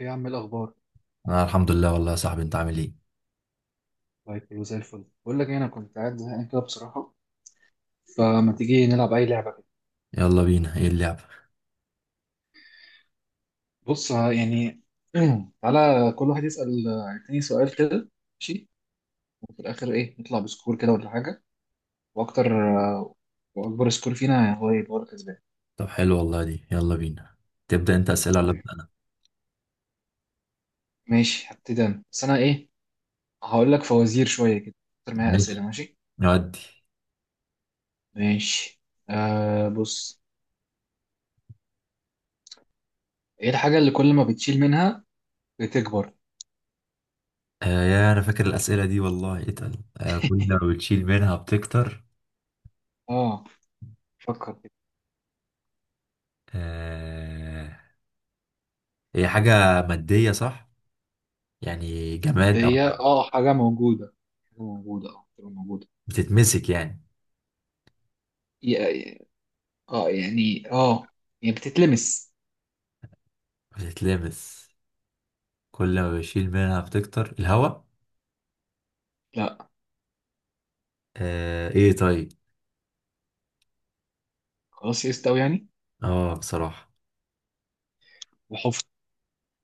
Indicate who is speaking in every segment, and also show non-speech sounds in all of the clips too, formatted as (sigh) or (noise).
Speaker 1: ايه يا عم، إيه الاخبار؟
Speaker 2: انا الحمد لله والله يا صاحبي، انت عامل ايه؟
Speaker 1: طيب كله زي الفل. بقول لك إيه، انا كنت قاعد زهقان كده بصراحه. فما تيجي نلعب اي لعبه كده؟
Speaker 2: يلا بينا، ايه اللعبة؟
Speaker 1: بص (clears throat) تعالى كل واحد يسال التاني سؤال كده. ماشي. وفي الاخر ايه، نطلع بسكور كده ولا حاجه؟ واكتر. آه، واكبر سكور فينا هو يبقى هو الكسبان.
Speaker 2: طب حلو والله، دي يلا بينا. تبدأ انت اسئلة ولا
Speaker 1: طيب
Speaker 2: ابدأ انا؟
Speaker 1: ماشي، هبتدي انا بس انا ايه، هقول لك فوازير شويه كده. اكتر معايا
Speaker 2: ماشي،
Speaker 1: اسئله. ماشي.
Speaker 2: نودي.
Speaker 1: ماشي. آه، بص، ايه الحاجه اللي كل ما بتشيل منها بتكبر؟
Speaker 2: يا، انا فاكر الاسئلة دي والله اتقل. كل ما بتشيل منها بتكتر.
Speaker 1: اه، فكر.
Speaker 2: آه، هي حاجة مادية صح؟ يعني جماد او
Speaker 1: مادية، اه حاجة موجودة. حاجة موجودة.
Speaker 2: بتتمسك يعني،
Speaker 1: ي- اه يعني اه، يعني بتتلمس.
Speaker 2: بتتلمس. كل ما بشيل منها بتكتر، الهواء.
Speaker 1: لا.
Speaker 2: آه، ايه طيب.
Speaker 1: خلاص يئست أوي يعني.
Speaker 2: اه، بصراحة.
Speaker 1: وحفظ.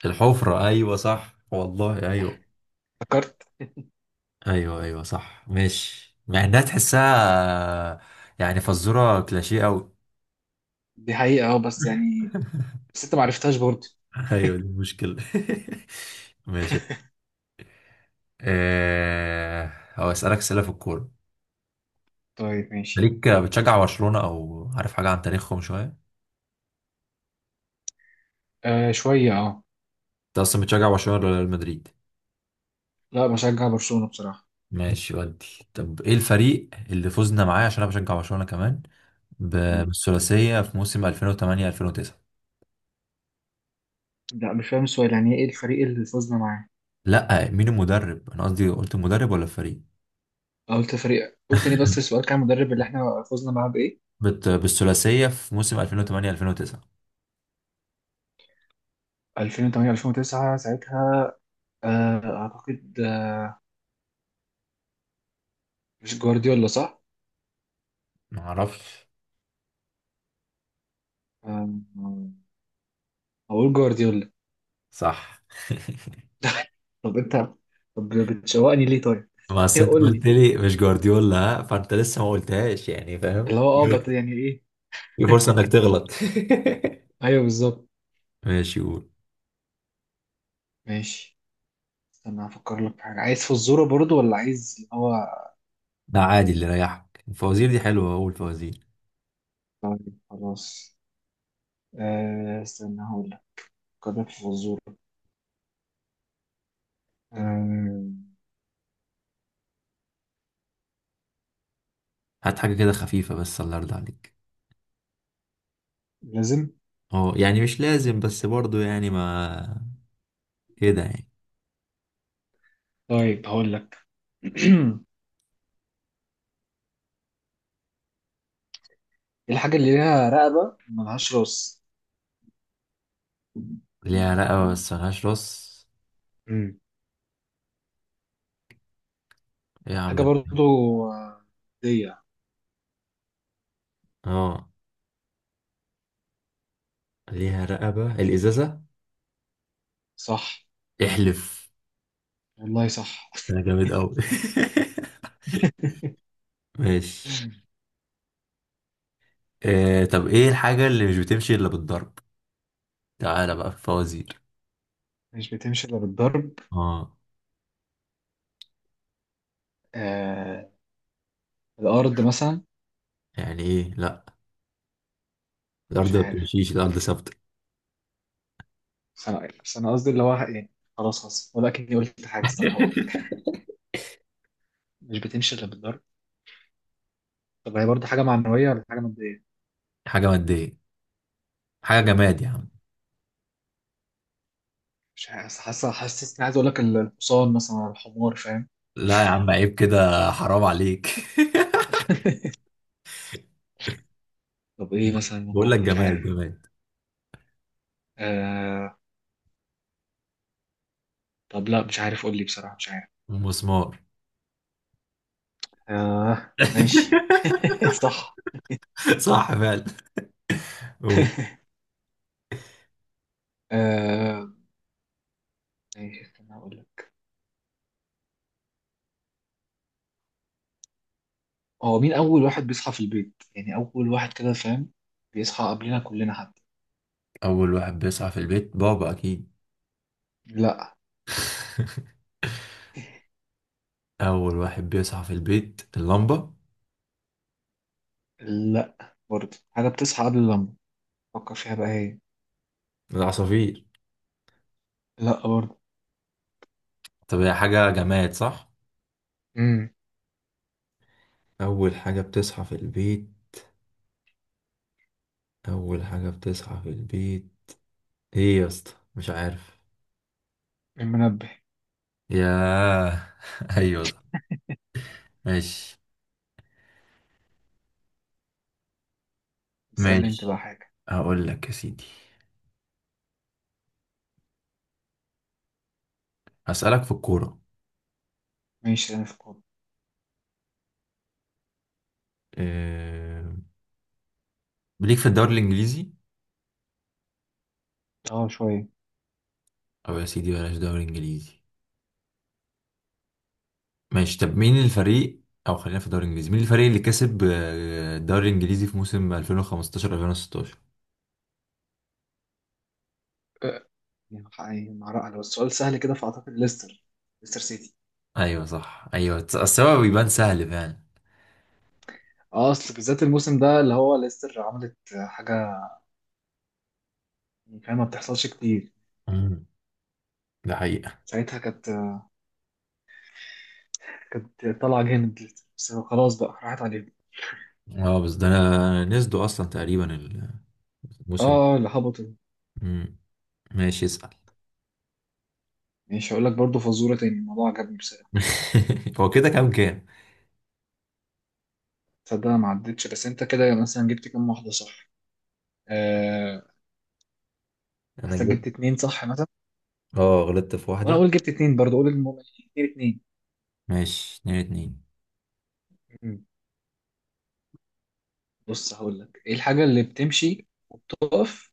Speaker 2: الحفرة، ايوه صح والله. ايوه،
Speaker 1: افتكرت.
Speaker 2: ايوه، ايوه صح، ماشي، مع انها تحسها يعني. فزوره كلاشيه قوي.
Speaker 1: دي حقيقة اه، بس يعني
Speaker 2: (laughs)
Speaker 1: بس انت معرفتهاش برضه.
Speaker 2: ايوه دي المشكله. (laughs) ماشي. هو اسالك اسئله في الكوره.
Speaker 1: طيب ماشي.
Speaker 2: ليك بتشجع برشلونه، او عارف حاجه عن تاريخهم شويه؟
Speaker 1: آه شوية اه.
Speaker 2: انت اصلا بتشجع برشلونه ولا ريال مدريد؟
Speaker 1: لا بشجع برشلونة بصراحة.
Speaker 2: ماشي، ودي. طب ايه الفريق اللي فزنا معاه عشان انا بشجع برشلونه كمان
Speaker 1: م.
Speaker 2: بالثلاثيه في موسم 2008 2009؟
Speaker 1: لا مش فاهم السؤال، يعني ايه الفريق اللي فزنا معاه؟
Speaker 2: لا، مين المدرب؟ انا قصدي قلت المدرب ولا الفريق.
Speaker 1: أه، قلت فريق قلت لي، بس السؤال كان المدرب اللي احنا فزنا معاه بإيه.
Speaker 2: بالثلاثية في موسم 2008 2009.
Speaker 1: 2008 2009 ساعتها. آه اعتقد مش جوارديولا صح؟
Speaker 2: ما اعرفش
Speaker 1: آه، هقول جوارديولا.
Speaker 2: صح. (laughs)
Speaker 1: (laughs) طب انت، طب بتشوقني ليه طيب؟
Speaker 2: ما أصل
Speaker 1: ايه
Speaker 2: انت
Speaker 1: قول
Speaker 2: قلت
Speaker 1: لي،
Speaker 2: لي مش جوارديولا ها؟ فانت لسه ما قلتهاش، يعني فاهم؟
Speaker 1: اللي هو اه يعني ايه؟
Speaker 2: في فرصة انك
Speaker 1: (laughs)
Speaker 2: تغلط.
Speaker 1: ايوه بالظبط.
Speaker 2: (laughs) ماشي قول.
Speaker 1: ماشي. استنى هفكر لك في حاجة. عايز في الزورة برضو ولا عايز اللي هو؟
Speaker 2: ده عادي اللي يريحك، الفوازير دي حلوة، أول فوازير.
Speaker 1: طيب خلاص. آه استنى هقول لك. هفكر لك في الزورة. آه.
Speaker 2: هات حاجة كده خفيفة بس، الله يرضى عليك.
Speaker 1: لازم.
Speaker 2: اه يعني مش لازم بس برضو يعني، ما كده يعني.
Speaker 1: طيب هقول لك. (clears throat) إيه الحاجة اللي ليها رقبة ملهاش راس؟
Speaker 2: ليها رقبة بس ملهاش راس؟
Speaker 1: امم
Speaker 2: ايه يا عم
Speaker 1: حاجة
Speaker 2: بقى؟
Speaker 1: برضو. آه، دي.
Speaker 2: اه، ليها رقبة، الإزازة.
Speaker 1: صح.
Speaker 2: احلف.
Speaker 1: والله صح.
Speaker 2: ده جامد أوي. (laughs) ماشي.
Speaker 1: (laughs)
Speaker 2: طب ايه الحاجة اللي مش بتمشي الا بالضرب؟ تعالى بقى في الفوازير.
Speaker 1: مش بتمشي إلا بالضرب.
Speaker 2: اه،
Speaker 1: آه، الأرض مثلا؟
Speaker 2: يعني ايه؟ لا، الارض
Speaker 1: مش
Speaker 2: ما
Speaker 1: عارف.
Speaker 2: بتمشيش، الارض ثابتة.
Speaker 1: بس أنا قصدي اللي هو يعني. خلاص خلاص، ولكني قلت حاجة. استنى هقول. مش بتمشي إلا بالضرب. طب هي برضه حاجة معنوية ولا حاجة مادية؟
Speaker 2: حاجة مادية، حاجة جماد يا عم.
Speaker 1: مش عارف، حاسة حاسس إني عايز أقول لك الحصان مثلا ولا الحمار، فاهم؟
Speaker 2: لا يا عم، عيب كده، حرام عليك.
Speaker 1: طب إيه
Speaker 2: (laughs)
Speaker 1: مثلا
Speaker 2: بقول لك
Speaker 1: ممكن؟ مش
Speaker 2: جماد
Speaker 1: عارف.
Speaker 2: جماد.
Speaker 1: آه. طب لا مش عارف، قول لي بصراحة مش عارف.
Speaker 2: مسمار.
Speaker 1: آه ماشي.
Speaker 2: (laughs)
Speaker 1: (laughs) صح.
Speaker 2: صح فعلا. قول.
Speaker 1: آه، إيه، استنى أقول لك. هو مين أول واحد بيصحى في البيت؟ يعني أول واحد كده فاهم، بيصحى قبلنا كلنا حتى.
Speaker 2: اول واحد بيصحى في البيت بابا اكيد.
Speaker 1: لا.
Speaker 2: (laughs) اول واحد بيصحى في البيت اللمبة.
Speaker 1: لا برضه، حاجة بتصحى قبل اللمبة. فكر فيها بقى هي.
Speaker 2: العصافير.
Speaker 1: لا برضه.
Speaker 2: طب هي حاجة جماد صح؟
Speaker 1: امم.
Speaker 2: اول حاجة بتصحى في البيت. أول حاجة بتصحى في البيت. إيه يا اسطى، مش عارف.
Speaker 1: المنبه.
Speaker 2: ياه. (laughs) أيوة صح، ماشي.
Speaker 1: اسألني انت بقى
Speaker 2: ماشي،
Speaker 1: حاجة.
Speaker 2: هقول لك يا سيدي. هسألك في الكورة.
Speaker 1: ماشي، انا في كورة.
Speaker 2: أه... ليك في الدوري الإنجليزي؟
Speaker 1: اه شوية.
Speaker 2: أو يا سيدي، بلاش دوري إنجليزي. ماشي، طب مين الفريق؟ أو خلينا في الدوري الإنجليزي، مين الفريق اللي كسب الدوري الإنجليزي في موسم 2015 2016؟
Speaker 1: آه، يعني يعني مع رأي، لو السؤال سهل كده فأعتقد ليستر. ليستر سيتي.
Speaker 2: أيوة صح، أيوة السبب بيبان سهل فعلا.
Speaker 1: اه اصل بالذات الموسم ده اللي هو ليستر عملت حاجة كان ما بتحصلش كتير.
Speaker 2: مم. ده حقيقة.
Speaker 1: ساعتها كانت طالعة جامد ليستر، بس خلاص بقى راحت عليهم.
Speaker 2: اه بس ده انا نسدوا اصلا تقريبا
Speaker 1: اه.
Speaker 2: الموسم.
Speaker 1: اه، اللي هبطوا.
Speaker 2: مم. ماشي، اسأل.
Speaker 1: ماشي، هقول لك برضه فزورة تاني، الموضوع عجبني بصراحة.
Speaker 2: (laughs) هو كده كام كام؟
Speaker 1: تصدق انا ما عدتش. بس انت كده مثلا جبت كام واحدة صح؟ آه،
Speaker 2: انا
Speaker 1: حاسسك
Speaker 2: جبت.
Speaker 1: جبت اتنين صح مثلا.
Speaker 2: اه، غلطت في
Speaker 1: وانا
Speaker 2: واحدة.
Speaker 1: اقول جبت اتنين برضه، اقول المهم. اتنين اتنين.
Speaker 2: ماشي، اتنين اتنين.
Speaker 1: مم. بص هقول لك، ايه الحاجه اللي بتمشي وبتقف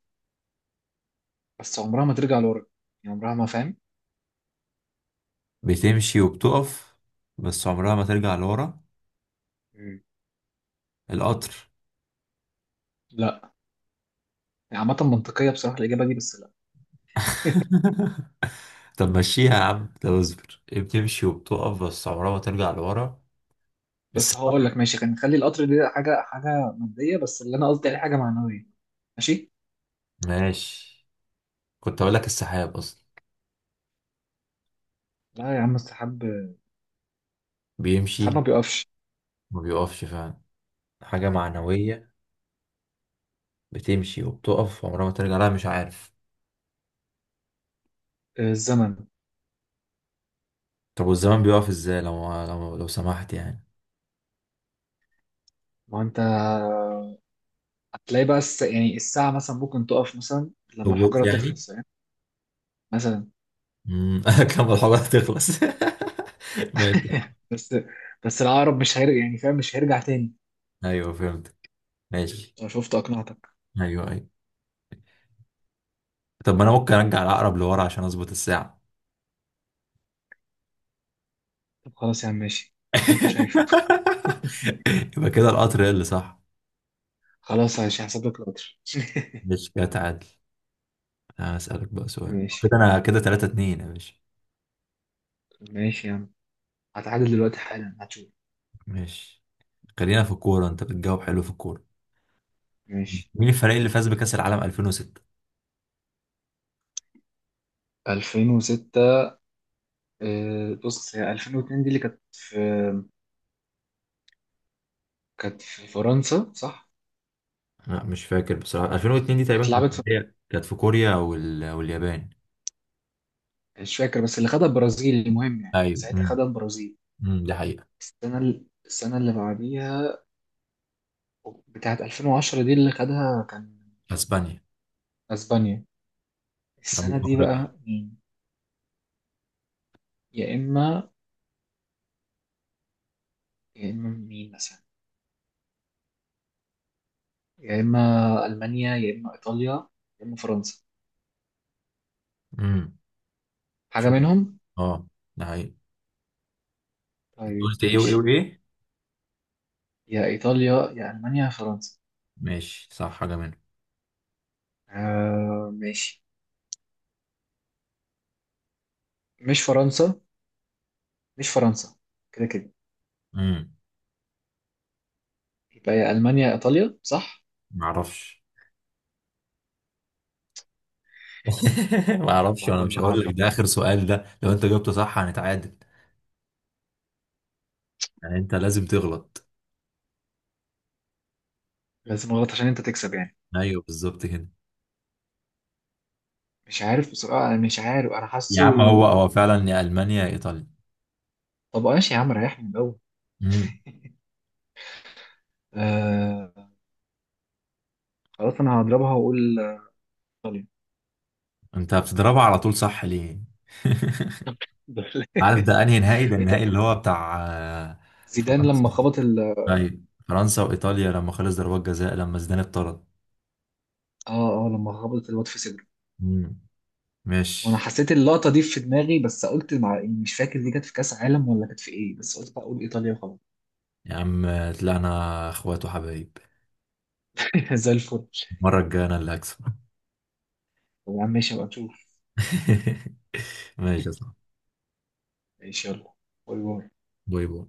Speaker 1: بس عمرها ما ترجع لورا؟ يعني عمرها ما، فاهم؟
Speaker 2: بتمشي وبتقف بس عمرها ما ترجع لورا.
Speaker 1: مم.
Speaker 2: القطر.
Speaker 1: لا. يعني عامه منطقيه بصراحه الاجابه دي، بس لا. (laughs)
Speaker 2: (laughs) طب مشيها يا عم، طب اصبر، ايه بتمشي وبتقف بس عمرها ما ترجع لورا.
Speaker 1: بس هقول
Speaker 2: السحاب.
Speaker 1: لك ماشي، كان نخلي القطر دي حاجه، حاجه ماديه، بس اللي انا قصدي عليه حاجه معنويه. ماشي.
Speaker 2: ماشي، كنت اقول لك السحاب اصلا.
Speaker 1: لا يا عم، السحاب.
Speaker 2: بيمشي،
Speaker 1: السحاب ما بيقفش.
Speaker 2: ما بيقفش فعلا. حاجة
Speaker 1: مم.
Speaker 2: معنوية بتمشي وبتقف عمرها ما ترجع. لا، مش عارف.
Speaker 1: الزمن.
Speaker 2: طب والزمان بيقف ازاي لو سمحت يعني؟
Speaker 1: ما انت هتلاقي بقى يعني الساعة مثلا ممكن تقف مثلا لما
Speaker 2: روبوت
Speaker 1: الحجارة
Speaker 2: يعني.
Speaker 1: تخلص يعني. مثلا.
Speaker 2: مم. (laughs) كم الحلقة تخلص. (laughs) ماشي.
Speaker 1: بس بس العقرب مش هيرجع، يعني فاهم، مش هيرجع تاني.
Speaker 2: ايوه فهمتك، ماشي.
Speaker 1: انا شفت اقنعتك.
Speaker 2: ايوه، ايوه. طب ما انا ممكن ارجع العقرب لورا عشان اظبط الساعة.
Speaker 1: طب خلاص يا عم ماشي، اللي انت شايفه.
Speaker 2: (laughs)
Speaker 1: (laughs)
Speaker 2: يبقى كده القطر هي اللي صح.
Speaker 1: خلاص ماشي، هحسب لك القدر.
Speaker 2: مش كده تعادل. هسألك بقى
Speaker 1: (laughs)
Speaker 2: سؤال
Speaker 1: ماشي.
Speaker 2: كده، انا كده 3-2 يا باشا.
Speaker 1: ماشي يا عم، هتعادل دلوقتي حالا هتشوف.
Speaker 2: ماشي. خلينا في الكورة، انت بتجاوب حلو في الكورة.
Speaker 1: ماشي.
Speaker 2: مين الفريق اللي فاز بكأس العالم 2006؟
Speaker 1: 2006. آه، بص، هي 2002 دي اللي كانت في، كانت في فرنسا صح؟
Speaker 2: لا مش فاكر بصراحة. 2002 دي تقريبا كانت
Speaker 1: اتلعبت في،
Speaker 2: في، كانت في كوريا واليابان.
Speaker 1: مش فاكر، بس اللي خدها البرازيل، المهم يعني
Speaker 2: ايوه،
Speaker 1: ساعتها
Speaker 2: امم.
Speaker 1: خدها البرازيل.
Speaker 2: أمم، دي حقيقة.
Speaker 1: السنة اللي بعديها بتاعت 2010 دي اللي خدها كان
Speaker 2: اسبانيا
Speaker 1: اسبانيا. السنة
Speaker 2: او
Speaker 1: دي
Speaker 2: افريقيا.
Speaker 1: بقى مين؟ يا إما، يا إما مين مثلا، يا إما ألمانيا يا إما إيطاليا يا إما فرنسا،
Speaker 2: امم.
Speaker 1: حاجة
Speaker 2: شوف.
Speaker 1: منهم.
Speaker 2: اه، ده حقيقي. انت
Speaker 1: طيب
Speaker 2: قلت ايه وايه
Speaker 1: ماشي.
Speaker 2: وايه؟
Speaker 1: يا إيطاليا يا ألمانيا يا فرنسا.
Speaker 2: ماشي، صح حاجه منهم.
Speaker 1: آه ماشي. مش فرنسا مش فرنسا. كده كده
Speaker 2: امم.
Speaker 1: يبقى يا ألمانيا يا إيطاليا صح؟
Speaker 2: ما اعرفش. (laughs) ما اعرفش، وانا
Speaker 1: واحدة
Speaker 2: مش هقول لك،
Speaker 1: النهاردة.
Speaker 2: ده اخر سؤال، ده لو انت جاوبته صح هنتعادل. يعني انت لازم تغلط.
Speaker 1: لازم أغلط عشان أنت تكسب يعني.
Speaker 2: ايوه بالظبط كده.
Speaker 1: مش عارف بصراحة، أنا مش عارف، أنا
Speaker 2: يا
Speaker 1: حاسه.
Speaker 2: عم هو هو فعلا يا المانيا يا ايطاليا.
Speaker 1: طب ماشي يا عم، ريحني من الأول.
Speaker 2: امم.
Speaker 1: آه، خلاص أنا هضربها وأقول إيطاليا.
Speaker 2: انت بتضربها على طول صح؟ ليه؟ (laughs) عارف ده
Speaker 1: (laughs)
Speaker 2: انهي نهائي؟ ده النهائي
Speaker 1: بت-
Speaker 2: اللي هو بتاع
Speaker 1: زيدان لما
Speaker 2: فرنسا.
Speaker 1: خبط ال
Speaker 2: ايوه فرنسا وايطاليا لما خلص ضربات جزاء لما زيدان اتطرد.
Speaker 1: اه لما خبط الواد في صدره.
Speaker 2: امم.
Speaker 1: وانا
Speaker 2: ماشي
Speaker 1: حسيت اللقطه دي في دماغي، بس قلت مع يعني مش فاكر دي كانت في كاس عالم ولا كانت في ايه، بس قلت بقى اقول ايطاليا وخلاص.
Speaker 2: يا عم، طلعنا اخوات وحبايب.
Speaker 1: (laughs) زي الفل.
Speaker 2: المرة الجاية انا اللي هكسب.
Speaker 1: طب يا عم ماشي بقى نشوف.
Speaker 2: (laughs) ماشي يا صاحبي،
Speaker 1: ماشي. يلا، باي باي.
Speaker 2: باي باي.